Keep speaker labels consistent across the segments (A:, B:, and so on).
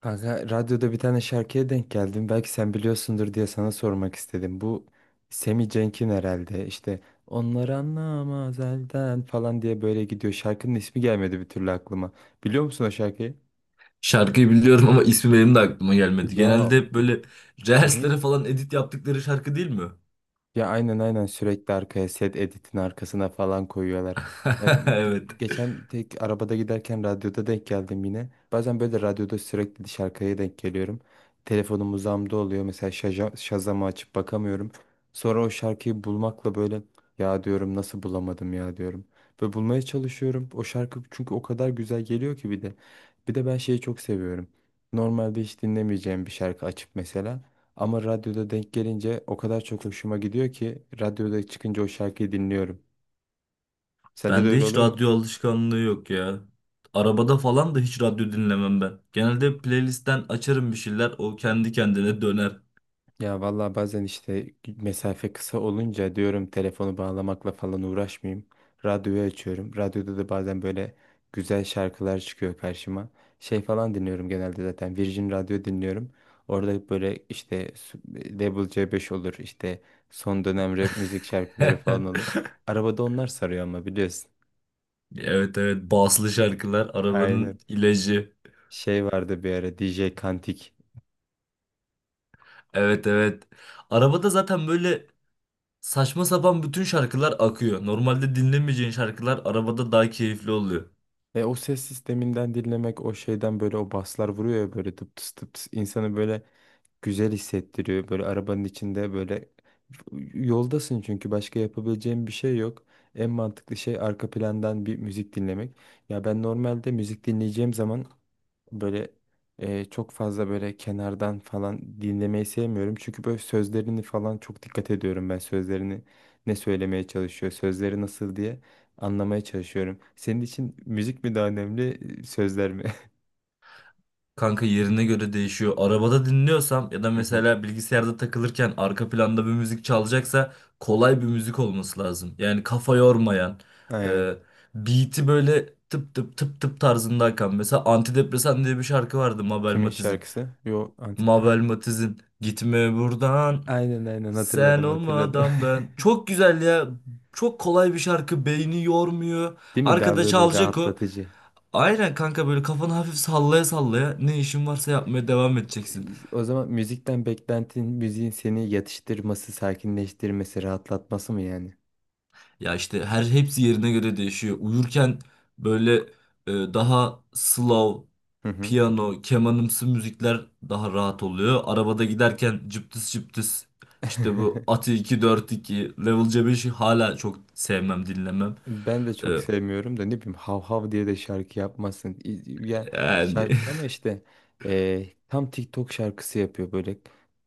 A: Kanka radyoda bir tane şarkıya denk geldim. Belki sen biliyorsundur diye sana sormak istedim. Bu Semi Cenk'in herhalde işte onlar anlamaz elden falan diye böyle gidiyor. Şarkının ismi gelmedi bir türlü aklıma. Biliyor musun o şarkıyı?
B: Şarkıyı biliyorum ama ismi benim de aklıma gelmedi.
A: Ya.
B: Genelde hep böyle
A: Hı hı.
B: reelslere falan edit yaptıkları şarkı değil mi?
A: Ya aynen aynen sürekli arkaya set editin arkasına falan koyuyorlar. Ya
B: Evet.
A: geçen tek arabada giderken radyoda denk geldim yine. Bazen böyle radyoda sürekli dış arkaya denk geliyorum. Telefonum uzağımda oluyor. Mesela Shazam'ı açıp bakamıyorum. Sonra o şarkıyı bulmakla böyle ya diyorum nasıl bulamadım ya diyorum. Böyle bulmaya çalışıyorum. O şarkı çünkü o kadar güzel geliyor ki bir de. Bir de ben şeyi çok seviyorum. Normalde hiç dinlemeyeceğim bir şarkı açıp mesela. Ama radyoda denk gelince o kadar çok hoşuma gidiyor ki radyoda çıkınca o şarkıyı dinliyorum. Sende de
B: Bende
A: öyle
B: hiç
A: oluyor mu?
B: radyo alışkanlığı yok ya. Arabada falan da hiç radyo dinlemem ben. Genelde playlistten açarım bir şeyler, o kendi kendine döner.
A: Ya vallahi bazen işte mesafe kısa olunca diyorum telefonu bağlamakla falan uğraşmayayım. Radyoyu açıyorum. Radyoda da bazen böyle güzel şarkılar çıkıyor karşıma. Şey falan dinliyorum, genelde zaten Virgin Radyo dinliyorum. Orada böyle işte Level C5 olur işte son dönem rap müzik şarkıları falan olur. Arabada onlar sarıyor ama biliyorsun.
B: Evet evet baslı şarkılar
A: Aynen.
B: arabanın ilacı.
A: Şey vardı bir ara DJ Kantik.
B: Evet evet. Arabada zaten böyle saçma sapan bütün şarkılar akıyor. Normalde dinlemeyeceğin şarkılar arabada daha keyifli oluyor.
A: E, o ses sisteminden dinlemek, o şeyden böyle o baslar vuruyor ya böyle tıp tıs tıp tıs insanı böyle güzel hissettiriyor. Böyle arabanın içinde böyle yoldasın çünkü başka yapabileceğin bir şey yok. En mantıklı şey arka plandan bir müzik dinlemek. Ya ben normalde müzik dinleyeceğim zaman böyle çok fazla böyle kenardan falan dinlemeyi sevmiyorum. Çünkü böyle sözlerini falan çok dikkat ediyorum, ben sözlerini ne söylemeye çalışıyor, sözleri nasıl diye anlamaya çalışıyorum. Senin için müzik mi daha önemli, sözler mi?
B: Kanka yerine göre değişiyor. Arabada dinliyorsam ya da
A: Hı hı.
B: mesela bilgisayarda takılırken arka planda bir müzik çalacaksa kolay bir müzik olması lazım. Yani kafa yormayan, e,
A: Aynen.
B: beat'i böyle tıp tıp tıp tıp tarzında akan. Mesela Antidepresan diye bir şarkı vardı Mabel
A: Kimin
B: Matiz'in.
A: şarkısı? Yo, Antin.
B: Mabel Matiz'in Gitme buradan
A: Aynen aynen,
B: sen
A: hatırladım hatırladım.
B: olmadan ben. Çok güzel ya. Çok kolay bir şarkı. Beyni yormuyor.
A: Değil mi? Daha
B: Arkada
A: böyle
B: çalacak o.
A: rahatlatıcı.
B: Aynen kanka böyle kafanı hafif sallaya sallaya ne işin varsa yapmaya devam edeceksin.
A: O zaman müzikten beklentin müziğin seni yatıştırması, sakinleştirmesi, rahatlatması mı yani?
B: Ya işte her hepsi yerine göre değişiyor. Uyurken böyle daha slow,
A: Hı hı.
B: piyano, kemanımsı müzikler daha rahat oluyor. Arabada giderken cıptıs cıptıs işte bu Ati 242 Level C5'i hala çok sevmem dinlemem.
A: Ben de
B: E,
A: çok sevmiyorum da, ne bileyim, hav hav diye de şarkı yapmasın. Ya,
B: yani.
A: şarkı ama işte tam TikTok şarkısı yapıyor, böyle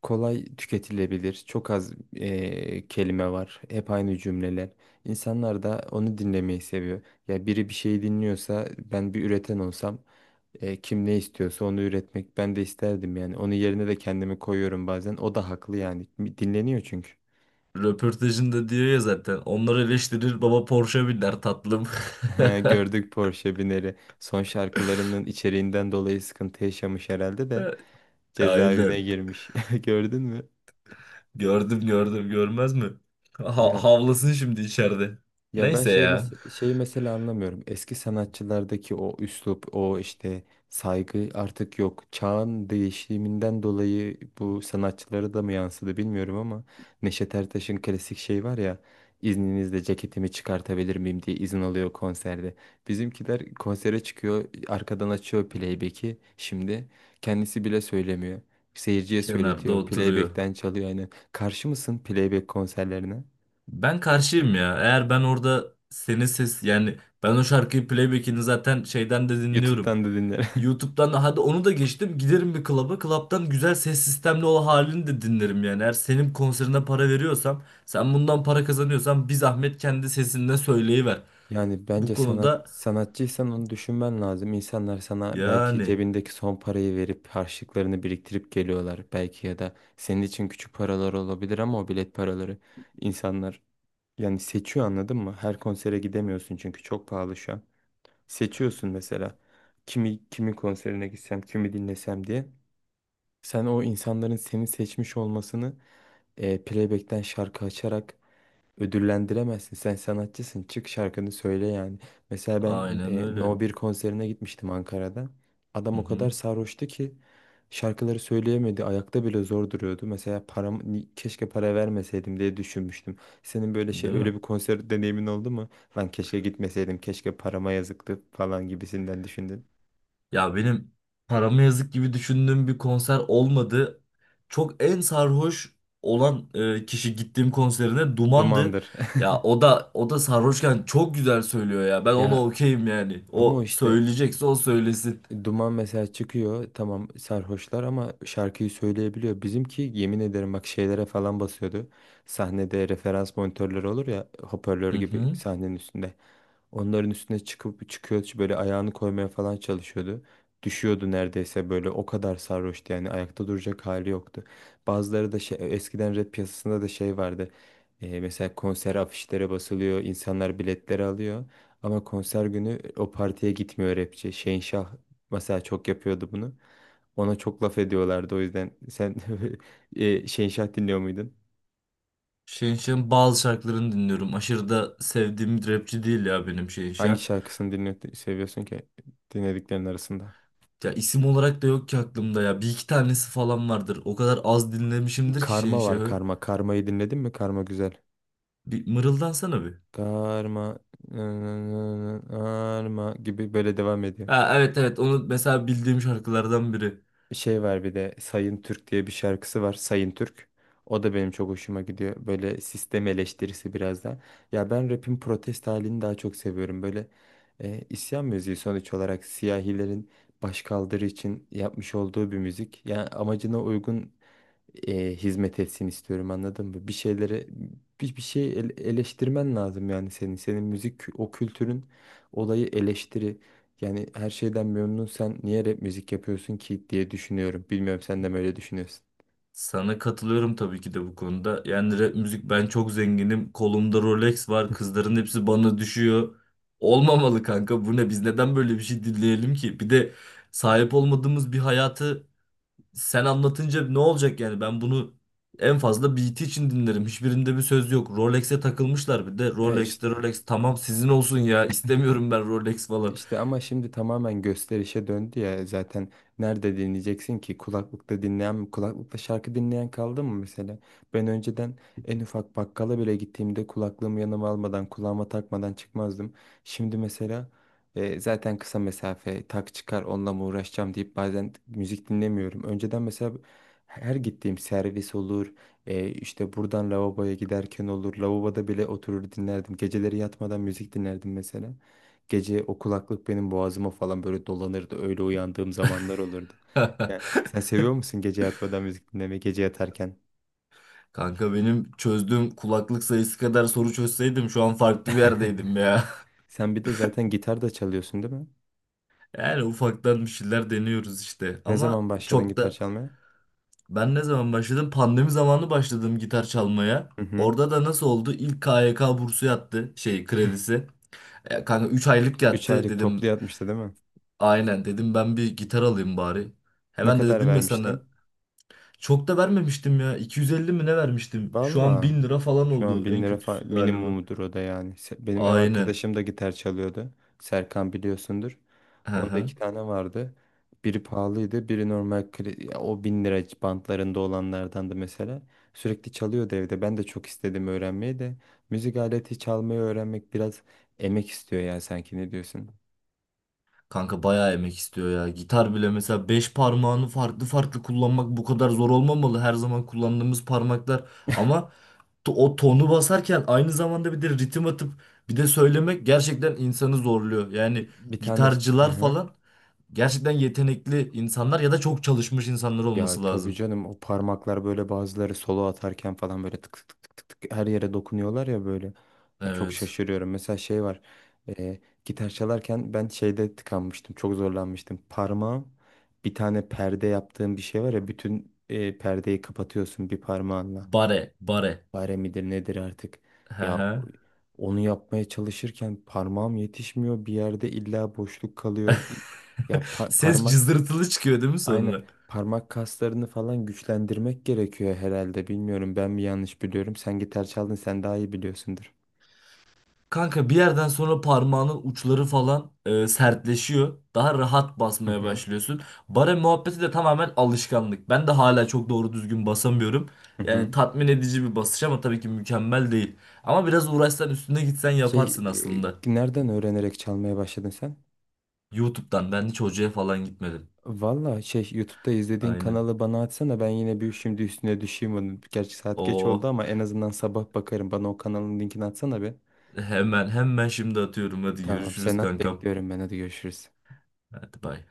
A: kolay tüketilebilir. Çok az kelime var. Hep aynı cümleler. İnsanlar da onu dinlemeyi seviyor. Ya biri bir şey dinliyorsa, ben bir üreten olsam kim ne istiyorsa onu üretmek ben de isterdim yani. Onun yerine de kendimi koyuyorum bazen. O da haklı yani. Dinleniyor çünkü.
B: Röportajında diyor ya zaten. Onları eleştirir baba Porsche biner tatlım.
A: He, gördük Porsche bineri. Son şarkılarının içeriğinden dolayı sıkıntı yaşamış herhalde de cezaevine
B: Aynen.
A: girmiş. Gördün mü?
B: Gördüm gördüm görmez mi? Ha
A: Ya.
B: havlasın şimdi içeride.
A: Ya ben
B: Neyse
A: şey
B: ya.
A: şeyi mesela anlamıyorum. Eski sanatçılardaki o üslup, o işte saygı artık yok. Çağın değişiminden dolayı bu sanatçılara da mı yansıdı bilmiyorum ama Neşet Ertaş'ın klasik şey var ya, izninizle ceketimi çıkartabilir miyim diye izin alıyor konserde. Bizimkiler konsere çıkıyor, arkadan açıyor playback'i. Şimdi kendisi bile söylemiyor. Seyirciye
B: Kenarda
A: söyletiyor.
B: oturuyor.
A: Playback'ten çalıyor aynen. Karşı mısın playback konserlerine?
B: Ben karşıyım ya. Eğer ben orada senin ses yani ben o şarkıyı playback'ini zaten şeyden de dinliyorum.
A: YouTube'dan da dinlerim.
B: YouTube'dan da hadi onu da geçtim. Giderim bir klaba. Klaptan güzel ses sistemli o halini de dinlerim yani. Eğer senin konserine para veriyorsam, sen bundan para kazanıyorsan bir zahmet kendi sesinle söyleyiver.
A: Yani
B: Bu
A: bence sanat,
B: konuda
A: sanatçıysan onu düşünmen lazım. İnsanlar sana belki
B: yani
A: cebindeki son parayı verip harçlıklarını biriktirip geliyorlar. Belki ya da senin için küçük paralar olabilir ama o bilet paraları, insanlar yani seçiyor, anladın mı? Her konsere gidemiyorsun çünkü çok pahalı şu an. Seçiyorsun mesela kimi, kimin konserine gitsem, kimi dinlesem diye. Sen o insanların seni seçmiş olmasını playback'ten şarkı açarak ödüllendiremezsin. Sen sanatçısın. Çık şarkını söyle yani. Mesela ben
B: aynen öyle.
A: No 1 konserine gitmiştim Ankara'da.
B: Hı
A: Adam o kadar
B: hı.
A: sarhoştu ki şarkıları söyleyemedi. Ayakta bile zor duruyordu. Mesela param, keşke para vermeseydim diye düşünmüştüm. Senin böyle şey,
B: Değil mi?
A: öyle bir konser deneyimin oldu mu? Lan keşke gitmeseydim, keşke parama yazıktı falan gibisinden düşündün.
B: Ya benim paramı yazık gibi düşündüğüm bir konser olmadı. Çok en sarhoş olan kişi gittiğim konserine Duman'dı.
A: Dumandır.
B: Ya o da sarhoşken çok güzel söylüyor ya. Ben ona
A: Ya,
B: okeyim yani.
A: ama o
B: O
A: işte
B: söyleyecekse o söylesin.
A: Duman mesela çıkıyor, tamam sarhoşlar ama şarkıyı söyleyebiliyor. Bizimki yemin ederim bak şeylere falan basıyordu. Sahnede referans monitörleri olur ya, hoparlör
B: Hı
A: gibi
B: hı.
A: sahnenin üstünde. Onların üstüne çıkıp, çıkıyor böyle ayağını koymaya falan çalışıyordu. Düşüyordu neredeyse, böyle o kadar sarhoştu yani, ayakta duracak hali yoktu. Bazıları da şey, eskiden rap piyasasında da şey vardı. Mesela konser afişlere basılıyor, insanlar biletleri alıyor. Ama konser günü o partiye gitmiyor rapçi. Şehinşah mesela çok yapıyordu bunu. Ona çok laf ediyorlardı o yüzden sen Şehinşah dinliyor muydun?
B: Şehinşah'ın bazı şarkılarını dinliyorum. Aşırı da sevdiğim bir rapçi değil ya benim
A: Hangi
B: Şehinşah.
A: şarkısını dinliyor, seviyorsun ki, dinlediklerin arasında?
B: Ya isim olarak da yok ki aklımda ya. Bir iki tanesi falan vardır. O kadar az dinlemişimdir ki
A: Karma var,
B: Şehinşah'ı.
A: karma. Karmayı dinledin mi? Karma güzel.
B: Bir mırıldansana bir.
A: Karma, karma gibi böyle devam ediyor.
B: Ha, evet evet onu mesela bildiğim şarkılardan biri.
A: Şey var bir de, Sayın Türk diye bir şarkısı var. Sayın Türk. O da benim çok hoşuma gidiyor. Böyle sistem eleştirisi biraz da. Ya ben rap'in protest halini daha çok seviyorum. Böyle isyan müziği sonuç olarak siyahilerin başkaldırı için yapmış olduğu bir müzik. Yani amacına uygun hizmet etsin istiyorum, anladın mı? Bir şeylere, bir şey eleştirmen lazım yani senin. Senin müzik o kültürün olayı eleştiri. Yani her şeyden memnun, sen niye rap müzik yapıyorsun ki diye düşünüyorum. Bilmiyorum, sen de mi öyle düşünüyorsun?
B: Sana katılıyorum tabii ki de bu konuda. Yani rap müzik ben çok zenginim. Kolumda Rolex var. Kızların hepsi bana düşüyor. Olmamalı kanka. Bu ne? Biz neden böyle bir şey dinleyelim ki? Bir de sahip olmadığımız bir hayatı sen anlatınca ne olacak yani? Ben bunu en fazla beat için dinlerim. Hiçbirinde bir söz yok. Rolex'e takılmışlar bir de.
A: E
B: Rolex'te
A: işte.
B: Rolex tamam sizin olsun ya. İstemiyorum ben Rolex falan.
A: İşte ama şimdi tamamen gösterişe döndü ya zaten, nerede dinleyeceksin ki, kulaklıkta dinleyen mi, kulaklıkta şarkı dinleyen kaldı mı mesela? Ben önceden en ufak bakkala bile gittiğimde kulaklığımı yanıma almadan, kulağıma takmadan çıkmazdım. Şimdi mesela zaten kısa mesafe, tak çıkar onunla mı uğraşacağım deyip bazen müzik dinlemiyorum. Önceden mesela her gittiğim servis olur, işte buradan lavaboya giderken olur, lavaboda bile oturur dinlerdim, geceleri yatmadan müzik dinlerdim mesela. Gece o kulaklık benim boğazıma falan böyle dolanırdı. Öyle uyandığım zamanlar olurdu. Ya, sen seviyor musun gece yatmadan müzik dinlemeyi, gece yatarken?
B: Kanka benim çözdüğüm kulaklık sayısı kadar soru çözseydim şu an farklı bir yerdeydim ya.
A: Sen bir de zaten gitar da çalıyorsun değil mi?
B: Yani ufaktan bir şeyler deniyoruz işte.
A: Ne
B: Ama
A: zaman başladın
B: çok
A: gitar
B: da
A: çalmaya?
B: ben ne zaman başladım? Pandemi zamanı başladım gitar çalmaya.
A: Hı hı.
B: Orada da nasıl oldu? İlk KYK bursu yattı şey kredisi. Kanka 3 aylık
A: 3
B: yattı
A: aylık toplu
B: dedim.
A: yatmıştı değil mi?
B: Aynen dedim ben bir gitar alayım bari.
A: Ne
B: Hemen de
A: kadar
B: dedim ya sana
A: vermiştin?
B: çok da vermemiştim ya. 250 mi ne vermiştim? Şu an
A: Valla.
B: 1.000 lira falan
A: Şu an
B: oldu
A: 1000
B: en
A: lira
B: kötüsü galiba.
A: minimumudur o da yani. Benim ev
B: Aynen.
A: arkadaşım da gitar çalıyordu. Serkan biliyorsundur. Onda iki tane vardı. Biri pahalıydı, biri normal ya o 1.000 lira bantlarında olanlardandı mesela. Sürekli çalıyordu evde. Ben de çok istedim öğrenmeyi de. Müzik aleti çalmayı öğrenmek biraz emek istiyor ya, sanki ne diyorsun?
B: Kanka bayağı emek istiyor ya. Gitar bile mesela 5 parmağını farklı farklı kullanmak bu kadar zor olmamalı. Her zaman kullandığımız parmaklar ama o tonu basarken aynı zamanda bir de ritim atıp bir de söylemek gerçekten insanı zorluyor.
A: Bir,
B: Yani
A: bir tane... Hı
B: gitarcılar
A: hı.
B: falan gerçekten yetenekli insanlar ya da çok çalışmış insanlar
A: Ya
B: olması
A: tabii
B: lazım.
A: canım, o parmaklar böyle, bazıları solo atarken falan böyle tık tık tık tık tık her yere dokunuyorlar ya böyle. Ya çok
B: Evet.
A: şaşırıyorum. Mesela şey var. e, Gitar çalarken ben şeyde tıkanmıştım. Çok zorlanmıştım. Parmağım, bir tane perde yaptığım bir şey var ya, bütün perdeyi kapatıyorsun bir parmağınla.
B: Bare, bare.
A: Fare midir nedir artık.
B: Hı
A: Ya
B: hı.
A: onu yapmaya çalışırken parmağım yetişmiyor. Bir yerde illa boşluk kalıyor. Ya
B: Ses
A: parmak.
B: cızırtılı çıkıyor değil mi sonra?
A: Aynen, parmak kaslarını falan güçlendirmek gerekiyor herhalde. Bilmiyorum, ben mi yanlış biliyorum. Sen gitar çaldın, sen daha iyi biliyorsundur.
B: Kanka bir yerden sonra parmağının uçları falan sertleşiyor. Daha rahat
A: Hı
B: basmaya
A: hı.
B: başlıyorsun. Bara muhabbeti de tamamen alışkanlık. Ben de hala çok doğru düzgün basamıyorum.
A: Hı
B: Yani
A: hı.
B: tatmin edici bir basış ama tabii ki mükemmel değil. Ama biraz uğraşsan üstüne gitsen
A: Şey,
B: yaparsın aslında.
A: nereden öğrenerek çalmaya başladın sen?
B: YouTube'dan ben hiç hocaya falan gitmedim.
A: Valla şey, YouTube'da izlediğin
B: Aynen.
A: kanalı bana atsana, ben yine bir, şimdi üstüne düşeyim onun. Gerçi saat geç oldu
B: O,
A: ama en azından sabah bakarım. Bana o kanalın linkini atsana be.
B: hemen hemen şimdi atıyorum. Hadi
A: Tamam, sen
B: görüşürüz
A: at,
B: kankam.
A: bekliyorum ben, hadi görüşürüz.
B: Hadi bay.